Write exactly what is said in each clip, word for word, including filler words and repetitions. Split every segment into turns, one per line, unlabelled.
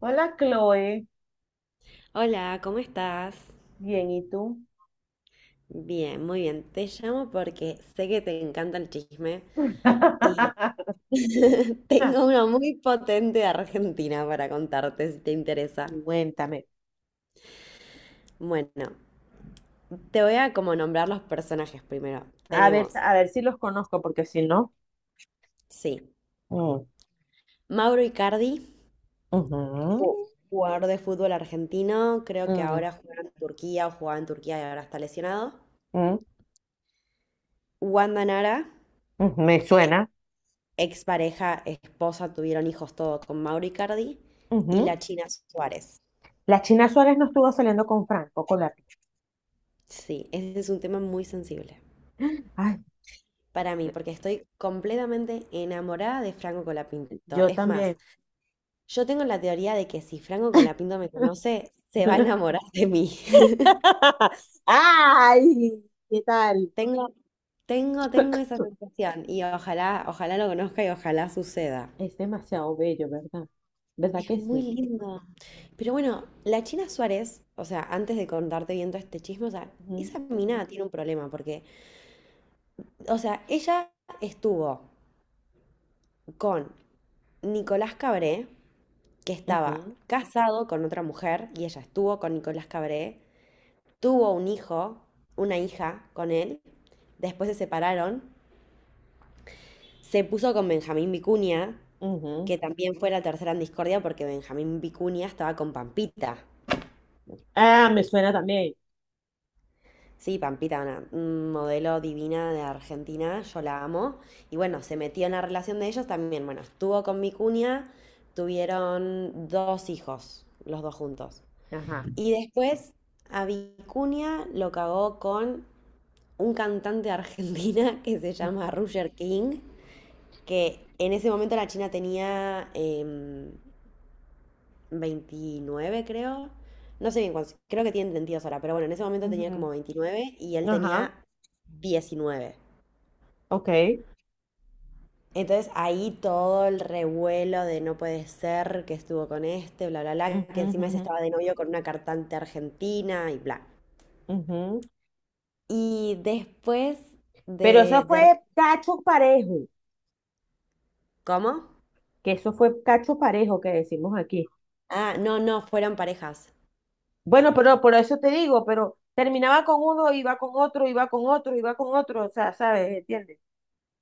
Hola, Chloe.
Hola, ¿cómo estás?
Bien, ¿y tú?
Bien, muy bien. Te llamo porque sé que te encanta el chisme y tengo uno muy potente de Argentina para contarte si te interesa.
Cuéntame.
Bueno, te voy a como nombrar los personajes primero.
A ver,
Tenemos,
a ver si los conozco, porque si no.
sí,
Mm,
Mauro Icardi,
ujú,
ju- jugador de fútbol argentino, creo que
mm,
ahora juega en Turquía o jugaba en Turquía y ahora está lesionado.
mm,
Wanda Nara,
mm, me suena.
expareja, esposa, tuvieron hijos todo con Mauro Icardi y
Ujú.
la China Suárez.
La China Suárez no estuvo saliendo con Franco Colati.
Sí, ese es un tema muy sensible
Ay,
para mí, porque estoy completamente enamorada de Franco Colapinto.
yo
Es más,
también.
yo tengo la teoría de que si Franco Colapinto me conoce, se va a enamorar de mí.
¡Ay! ¿Qué tal?
Tengo, tengo, tengo esa sensación y ojalá, ojalá lo conozca y ojalá suceda.
Es demasiado bello, ¿verdad? ¿Verdad
Es
que
muy
sí?
lindo. Pero bueno, la China Suárez, o sea, antes de contarte bien todo este chisme, o sea, esa mina tiene un problema porque, o sea, ella estuvo con Nicolás Cabré, que estaba
Ujú,
casado con otra mujer, y ella estuvo con Nicolás Cabré, tuvo un hijo, una hija con él, después se separaron, se puso con Benjamín Vicuña,
ujú, ujú.
que también fue la tercera en discordia porque Benjamín Vicuña estaba con Pampita.
Ah, me suena también.
Sí, Pampita, una un modelo divina de Argentina, yo la amo. Y bueno, se metió en la relación de ellos también. Bueno, estuvo con mi cuña, tuvieron dos hijos, los dos juntos.
Ajá.
Y después a Vicuña lo cagó con un cantante de Argentina que se llama Roger King, que en ese momento la China tenía em, veintinueve, creo. No sé bien cuántos, creo que tienen veintidós ahora, pero bueno, en ese momento tenía
Ujú,
como veintinueve y él
ajá,
tenía diecinueve.
ok.
Entonces ahí todo el revuelo de no puede ser que estuvo con este, bla, bla, bla,
Ujú,
que encima ese
ujú,
estaba de novio con una cantante argentina y bla.
ujú.
Y después
Pero eso
de, de...
fue cacho parejo,
¿Cómo?
que eso fue cacho parejo que decimos aquí.
Ah, no, no, fueron parejas.
Bueno, pero por eso te digo, pero terminaba con uno, iba con otro, iba con otro, iba con otro, o sea, ¿sabes? ¿Entiendes?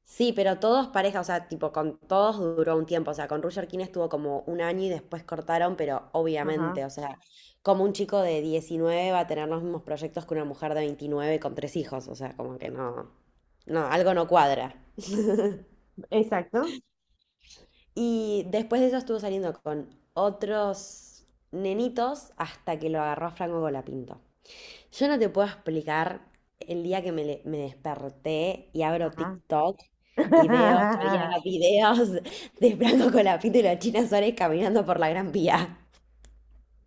Sí, pero todos pareja, o sea, tipo, con todos duró un tiempo, o sea, con Roger King estuvo como un año y después cortaron, pero
Ajá,
obviamente, o sea, como un chico de diecinueve va a tener los mismos proyectos que una mujer de veintinueve con tres hijos, o sea, como que no, no, algo no cuadra.
exacto.
Y después de eso estuvo saliendo con otros nenitos hasta que lo agarró a Franco Golapinto. Yo no te puedo explicar el día que me, le- me desperté y abro
Ajá.
TikTok y veo que había videos de Franco Colapinto y la China Suárez caminando por la Gran Vía.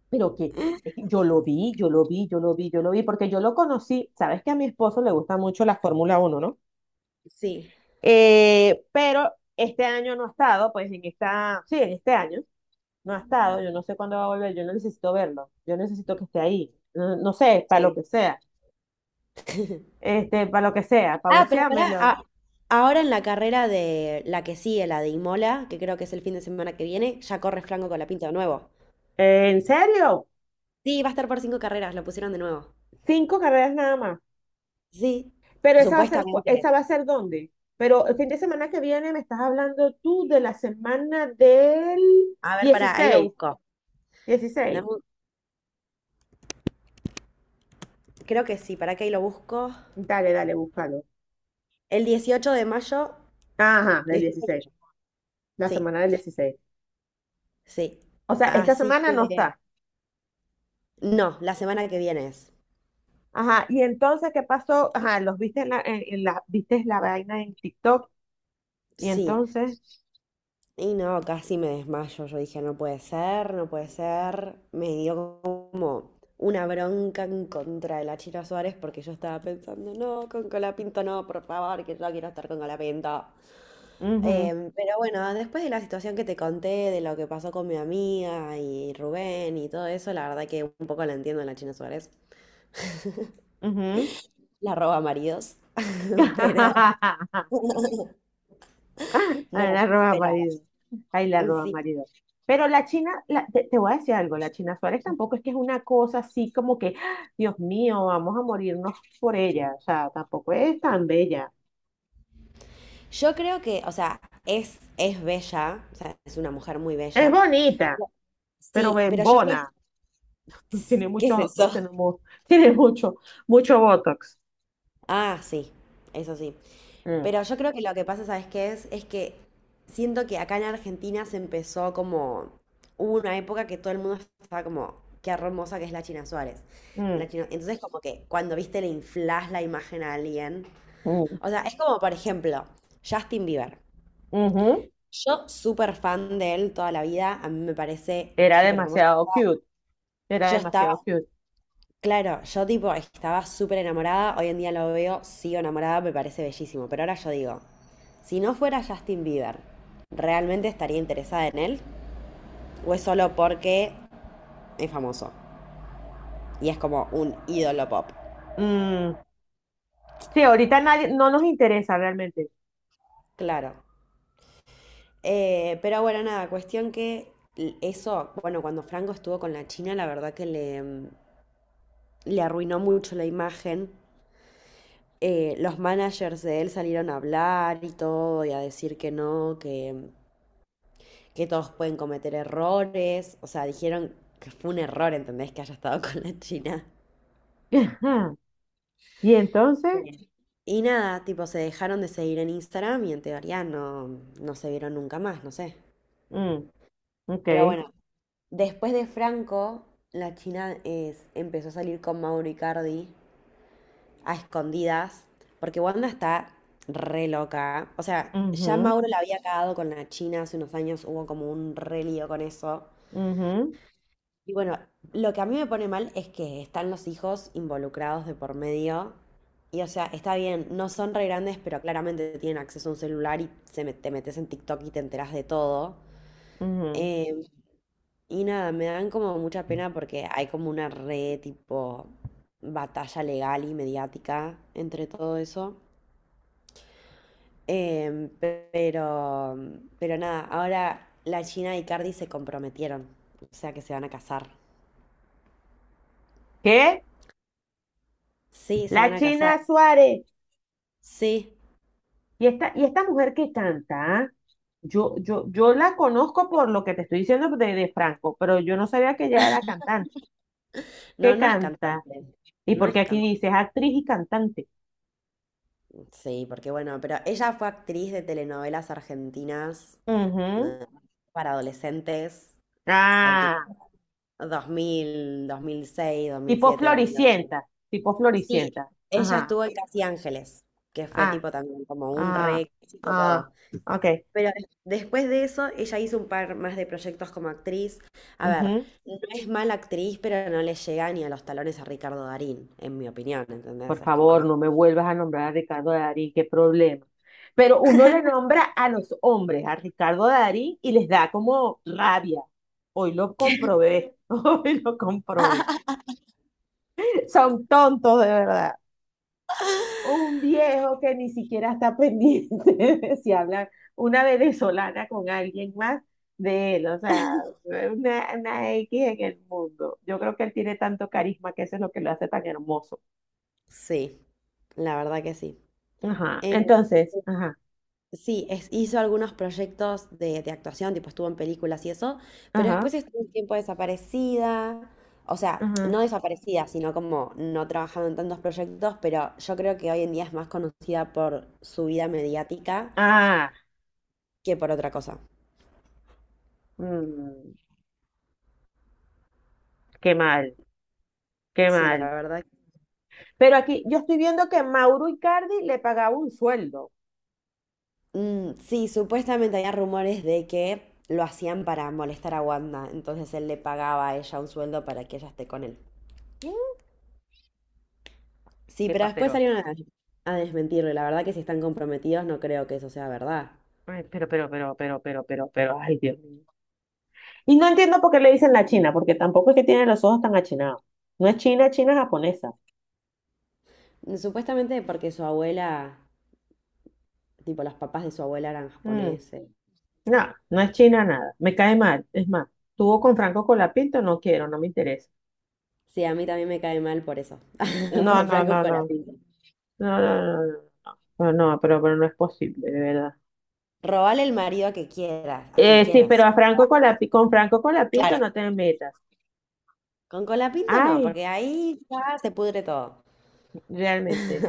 Pero que es que yo lo vi, yo lo vi, yo lo vi, yo lo vi, porque yo lo conocí. Sabes que a mi esposo le gusta mucho la Fórmula uno, ¿no?
Sí,
Eh, pero este año no ha estado, pues en esta, sí, en este año no ha estado, yo no sé cuándo va a volver, yo no necesito verlo, yo necesito que esté ahí, no, no sé, para lo
sí.
que sea, este, para lo que sea, para
Ah, pero pará,
buceármelo.
a- ahora en la carrera de la que sigue, la de Imola, que creo que es el fin de semana que viene, ya corre Franco Colapinto de nuevo.
Eh, ¿en serio?
Sí, va a estar por cinco carreras, lo pusieron de nuevo.
Cinco carreras nada más.
Sí,
Pero esa va a ser, cu-
supuestamente.
¿esa va a ser dónde? Pero el fin de semana que viene me estás hablando tú de la semana del
A ver, pará, ahí lo
dieciséis,
busco. Dame
dieciséis.
un- Creo que sí, pará que ahí lo busco.
Dale, dale, búscalo.
El dieciocho de mayo,
Ajá, del dieciséis,
dieciocho.
la
Sí,
semana del dieciséis.
sí.
O sea, esta
Así
semana no
que,
está.
no, la semana que viene es.
Ajá, y entonces, ¿qué pasó? Ajá, los viste en la, en, en la, viste la vaina en TikTok y
Sí.
entonces,
Y no, casi me desmayo. Yo dije, no puede ser, no puede ser. Me dio como una bronca en contra de la Chira Suárez porque yo estaba pensando, no, con Colapinto no, por favor, que yo quiero estar con Colapinto.
mhm,
Em, pero bueno, después de la situación que te conté, de lo que pasó con mi amiga y Rubén y todo eso, la verdad que un poco la entiendo a la China Suárez.
mhm.
La roba maridos, pero...
Ay, la
No,
roba
pero
marido, ay, la
un
roba
sí.
marido. Pero la China, la- te, te voy a decir algo, la China Suárez tampoco es que es una cosa así como que, ¡ah! Dios mío, vamos a morirnos por ella, o sea, tampoco es tan bella.
Yo creo que, o sea, es, es bella, o sea, es una mujer muy
Es
bella.
bonita,
pero-
pero
sí, pero yo creo
bembona, tiene
que es
mucho,
eso.
tiene, mu- tiene mucho, mucho botox.
Ah, sí, eso sí.
Mm.
Pero yo creo que lo que pasa, ¿sabes qué es? Es que siento que acá en Argentina se empezó como, hubo una época que todo el mundo estaba como, qué hermosa que es la China Suárez.
Mm,
La China- Entonces como que cuando viste le inflás la imagen a alguien.
mm,
O sea, es como, por ejemplo, Justin Bieber.
ujú.
Yo súper fan de él toda la vida, a mí me parece
Era
súper hermoso.
demasiado cute, era
Yo estaba,
demasiado cute.
claro, yo tipo estaba súper enamorada, hoy en día lo veo, sigo enamorada, me parece bellísimo, pero ahora yo digo, si no fuera Justin Bieber, ¿realmente estaría interesada en él? ¿O es solo porque es famoso y es como un ídolo pop?
Mm, sí, ahorita nadie, no nos interesa realmente.
Claro. Eh, pero bueno, nada, cuestión que l- eso, bueno, cuando Franco estuvo con la China, la verdad que le, mm, le arruinó mucho la imagen. Eh, los managers de él salieron a hablar y todo, y a decir que no, que, que todos pueden cometer errores. O sea, dijeron que fue un error, ¿entendés? Que haya estado con la China.
Ajá. Y entonces,
Sí. Y nada, tipo, se dejaron de seguir en Instagram y en teoría no, no se vieron nunca más, no sé.
mm, ok,
Pero bueno, después de Franco, la China es, empezó a salir con Mauro Icardi a escondidas, porque Wanda está re loca. O sea, ya
ujú,
Mauro la había cagado con la China hace unos años, hubo como un re lío con eso.
ujú,
Y bueno, lo que a mí me pone mal es que están los hijos involucrados de por medio. Y o sea, está bien, no son re grandes, pero claramente tienen acceso a un celular y se me- te metes en TikTok y te enterás de todo.
ujú.
Eh, y nada, me dan como mucha pena porque hay como una re tipo batalla legal y mediática entre todo eso. Em, pero, pero nada, ahora la Gina y Cardi se comprometieron, o sea que se van a casar.
¿Qué?
Sí, se van
La
a casar.
China Suárez.
Sí.
Y esta, y esta mujer que canta, ¿ah? yo, yo, yo la conozco por lo que te estoy diciendo de, de Franco, pero yo no sabía que ella era cantante.
No,
¿Qué
no es
canta?
cantante.
Y
No es
porque aquí
cantante.
dice es actriz y cantante.
Sí, porque bueno, pero ella fue actriz de telenovelas argentinas,
Ujú.
eh, para adolescentes, en tipo
Ah.
dos dos dos mil mil mil seis,
Tipo
siete, dos mil ocho.
floricienta, tipo
Sí,
floricienta.
ella
Ajá,
estuvo en Casi Ángeles, que fue
ah,
tipo también como un re
ah,
éxito
ah,
todo.
ok.
Pero des- después de eso, ella hizo un par más de proyectos como actriz. A ver,
Ujú.
no es mala actriz, pero no le llega ni a los talones a Ricardo Darín, en mi opinión,
Por
¿entendés? Es como
favor,
no.
no me vuelvas a nombrar a Ricardo Darín, qué problema. Pero uno le nombra a los hombres, a Ricardo Darín, y les da como rabia. Hoy lo comprobé, hoy lo comprobé. Son tontos de verdad. Un viejo que ni siquiera está pendiente de si habla una venezolana con alguien más de él, o sea, una, una equis en el mundo. Yo creo que él tiene tanto carisma que eso es lo que lo hace tan hermoso.
Sí, la verdad que sí.
Ajá,
Eh,
entonces, ajá,
sí, es- hizo algunos proyectos de, de actuación, tipo estuvo en películas y eso, pero
ajá,
después estuvo un tiempo desaparecida. O sea,
ajá.
no desaparecida, sino como no trabajando en tantos proyectos, pero yo creo que hoy en día es más conocida por su vida mediática
Ah,
que por otra cosa.
mm, qué mal, qué
Sí, la
mal.
verdad.
Pero aquí yo estoy viendo que Mauro Icardi le pagaba un sueldo.
Mm, sí, supuestamente había rumores de que lo hacían para molestar a Wanda, entonces él le pagaba a ella un sueldo para que ella esté con él.
Mm,
Sí, pero
epa,
después
pero,
salieron a, a desmentirlo, y la verdad que si están comprometidos no creo que eso sea verdad.
ay, pero, pero, pero, pero, pero, pero, pero, ay, Dios mío. Y no entiendo por qué le dicen la China, porque tampoco es que tiene los ojos tan achinados. No es China, China japonesa.
Mm, Supuestamente porque su abuela, tipo los papás de su abuela eran
Mm,
japoneses.
no, no es China nada. Me cae mal. Es más, tuvo con Franco Colapinto, no quiero, no me interesa.
Sí, a mí también me cae mal por eso,
No,
por
no,
Franco
no, no.
Colapinto.
No, no, no, no, no, no, pero, pero no es posible, de verdad.
Robale el marido que quieras, a quien
Eh, sí, pero
quieras.
a Franco Colapi- con Franco Colapinto
Claro.
no te metas.
Con Colapinto no,
Ay,
porque ahí ya se pudre todo.
realmente.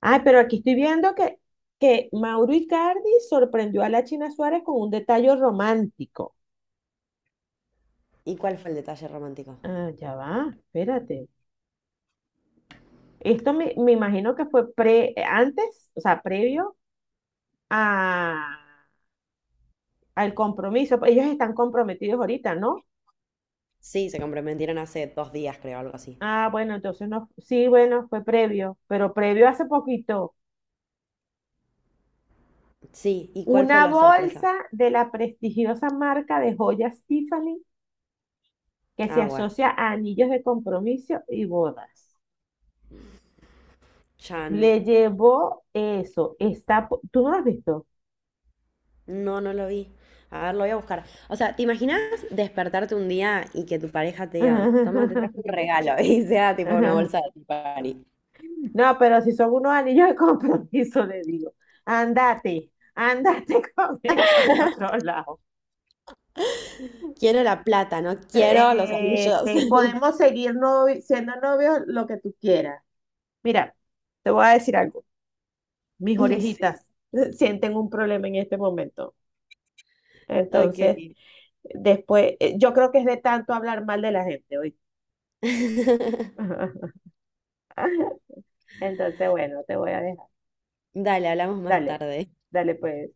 Ay, pero aquí estoy viendo que, que Mauro Icardi sorprendió a la China Suárez con un detalle romántico.
¿Y cuál fue el detalle romántico?
Ah, ya va, espérate. Esto me, me imagino que fue pre, antes, o sea, previo a, al compromiso. Ellos están comprometidos ahorita, ¿no?
Sí, se comprometieron hace dos días, creo, algo así.
Ah, bueno, entonces no, sí, bueno, fue previo, pero previo hace poquito.
Sí, ¿y cuál fue
Una
la sorpresa?
bolsa de la prestigiosa marca de joyas Tiffany que se
Ah, bueno.
asocia a anillos de compromiso y bodas.
Chan.
Le llevó eso. Está, po- ¿tú no lo has visto?
No, no lo vi. A ver, lo voy a buscar. O sea, ¿te imaginas despertarte un día y que tu pareja te diga, toma, te traje un regalo? Y sea tipo una bolsa de Tiffany.
No, pero si son unos anillos de compromiso, le digo, andate, andate con eso por otro lado.
Quiero la plata, no quiero los
Eh,
anillos.
Este, podemos seguir novi- siendo novios lo que tú quieras. Mira, te voy a decir algo. Mis
Sí,
orejitas sienten un problema en este momento. Entonces,
ok.
después, eh, yo creo que es de tanto hablar mal de la gente hoy. Entonces, bueno, te voy a dejar.
Dale, hablamos más
Dale,
tarde.
dale pues.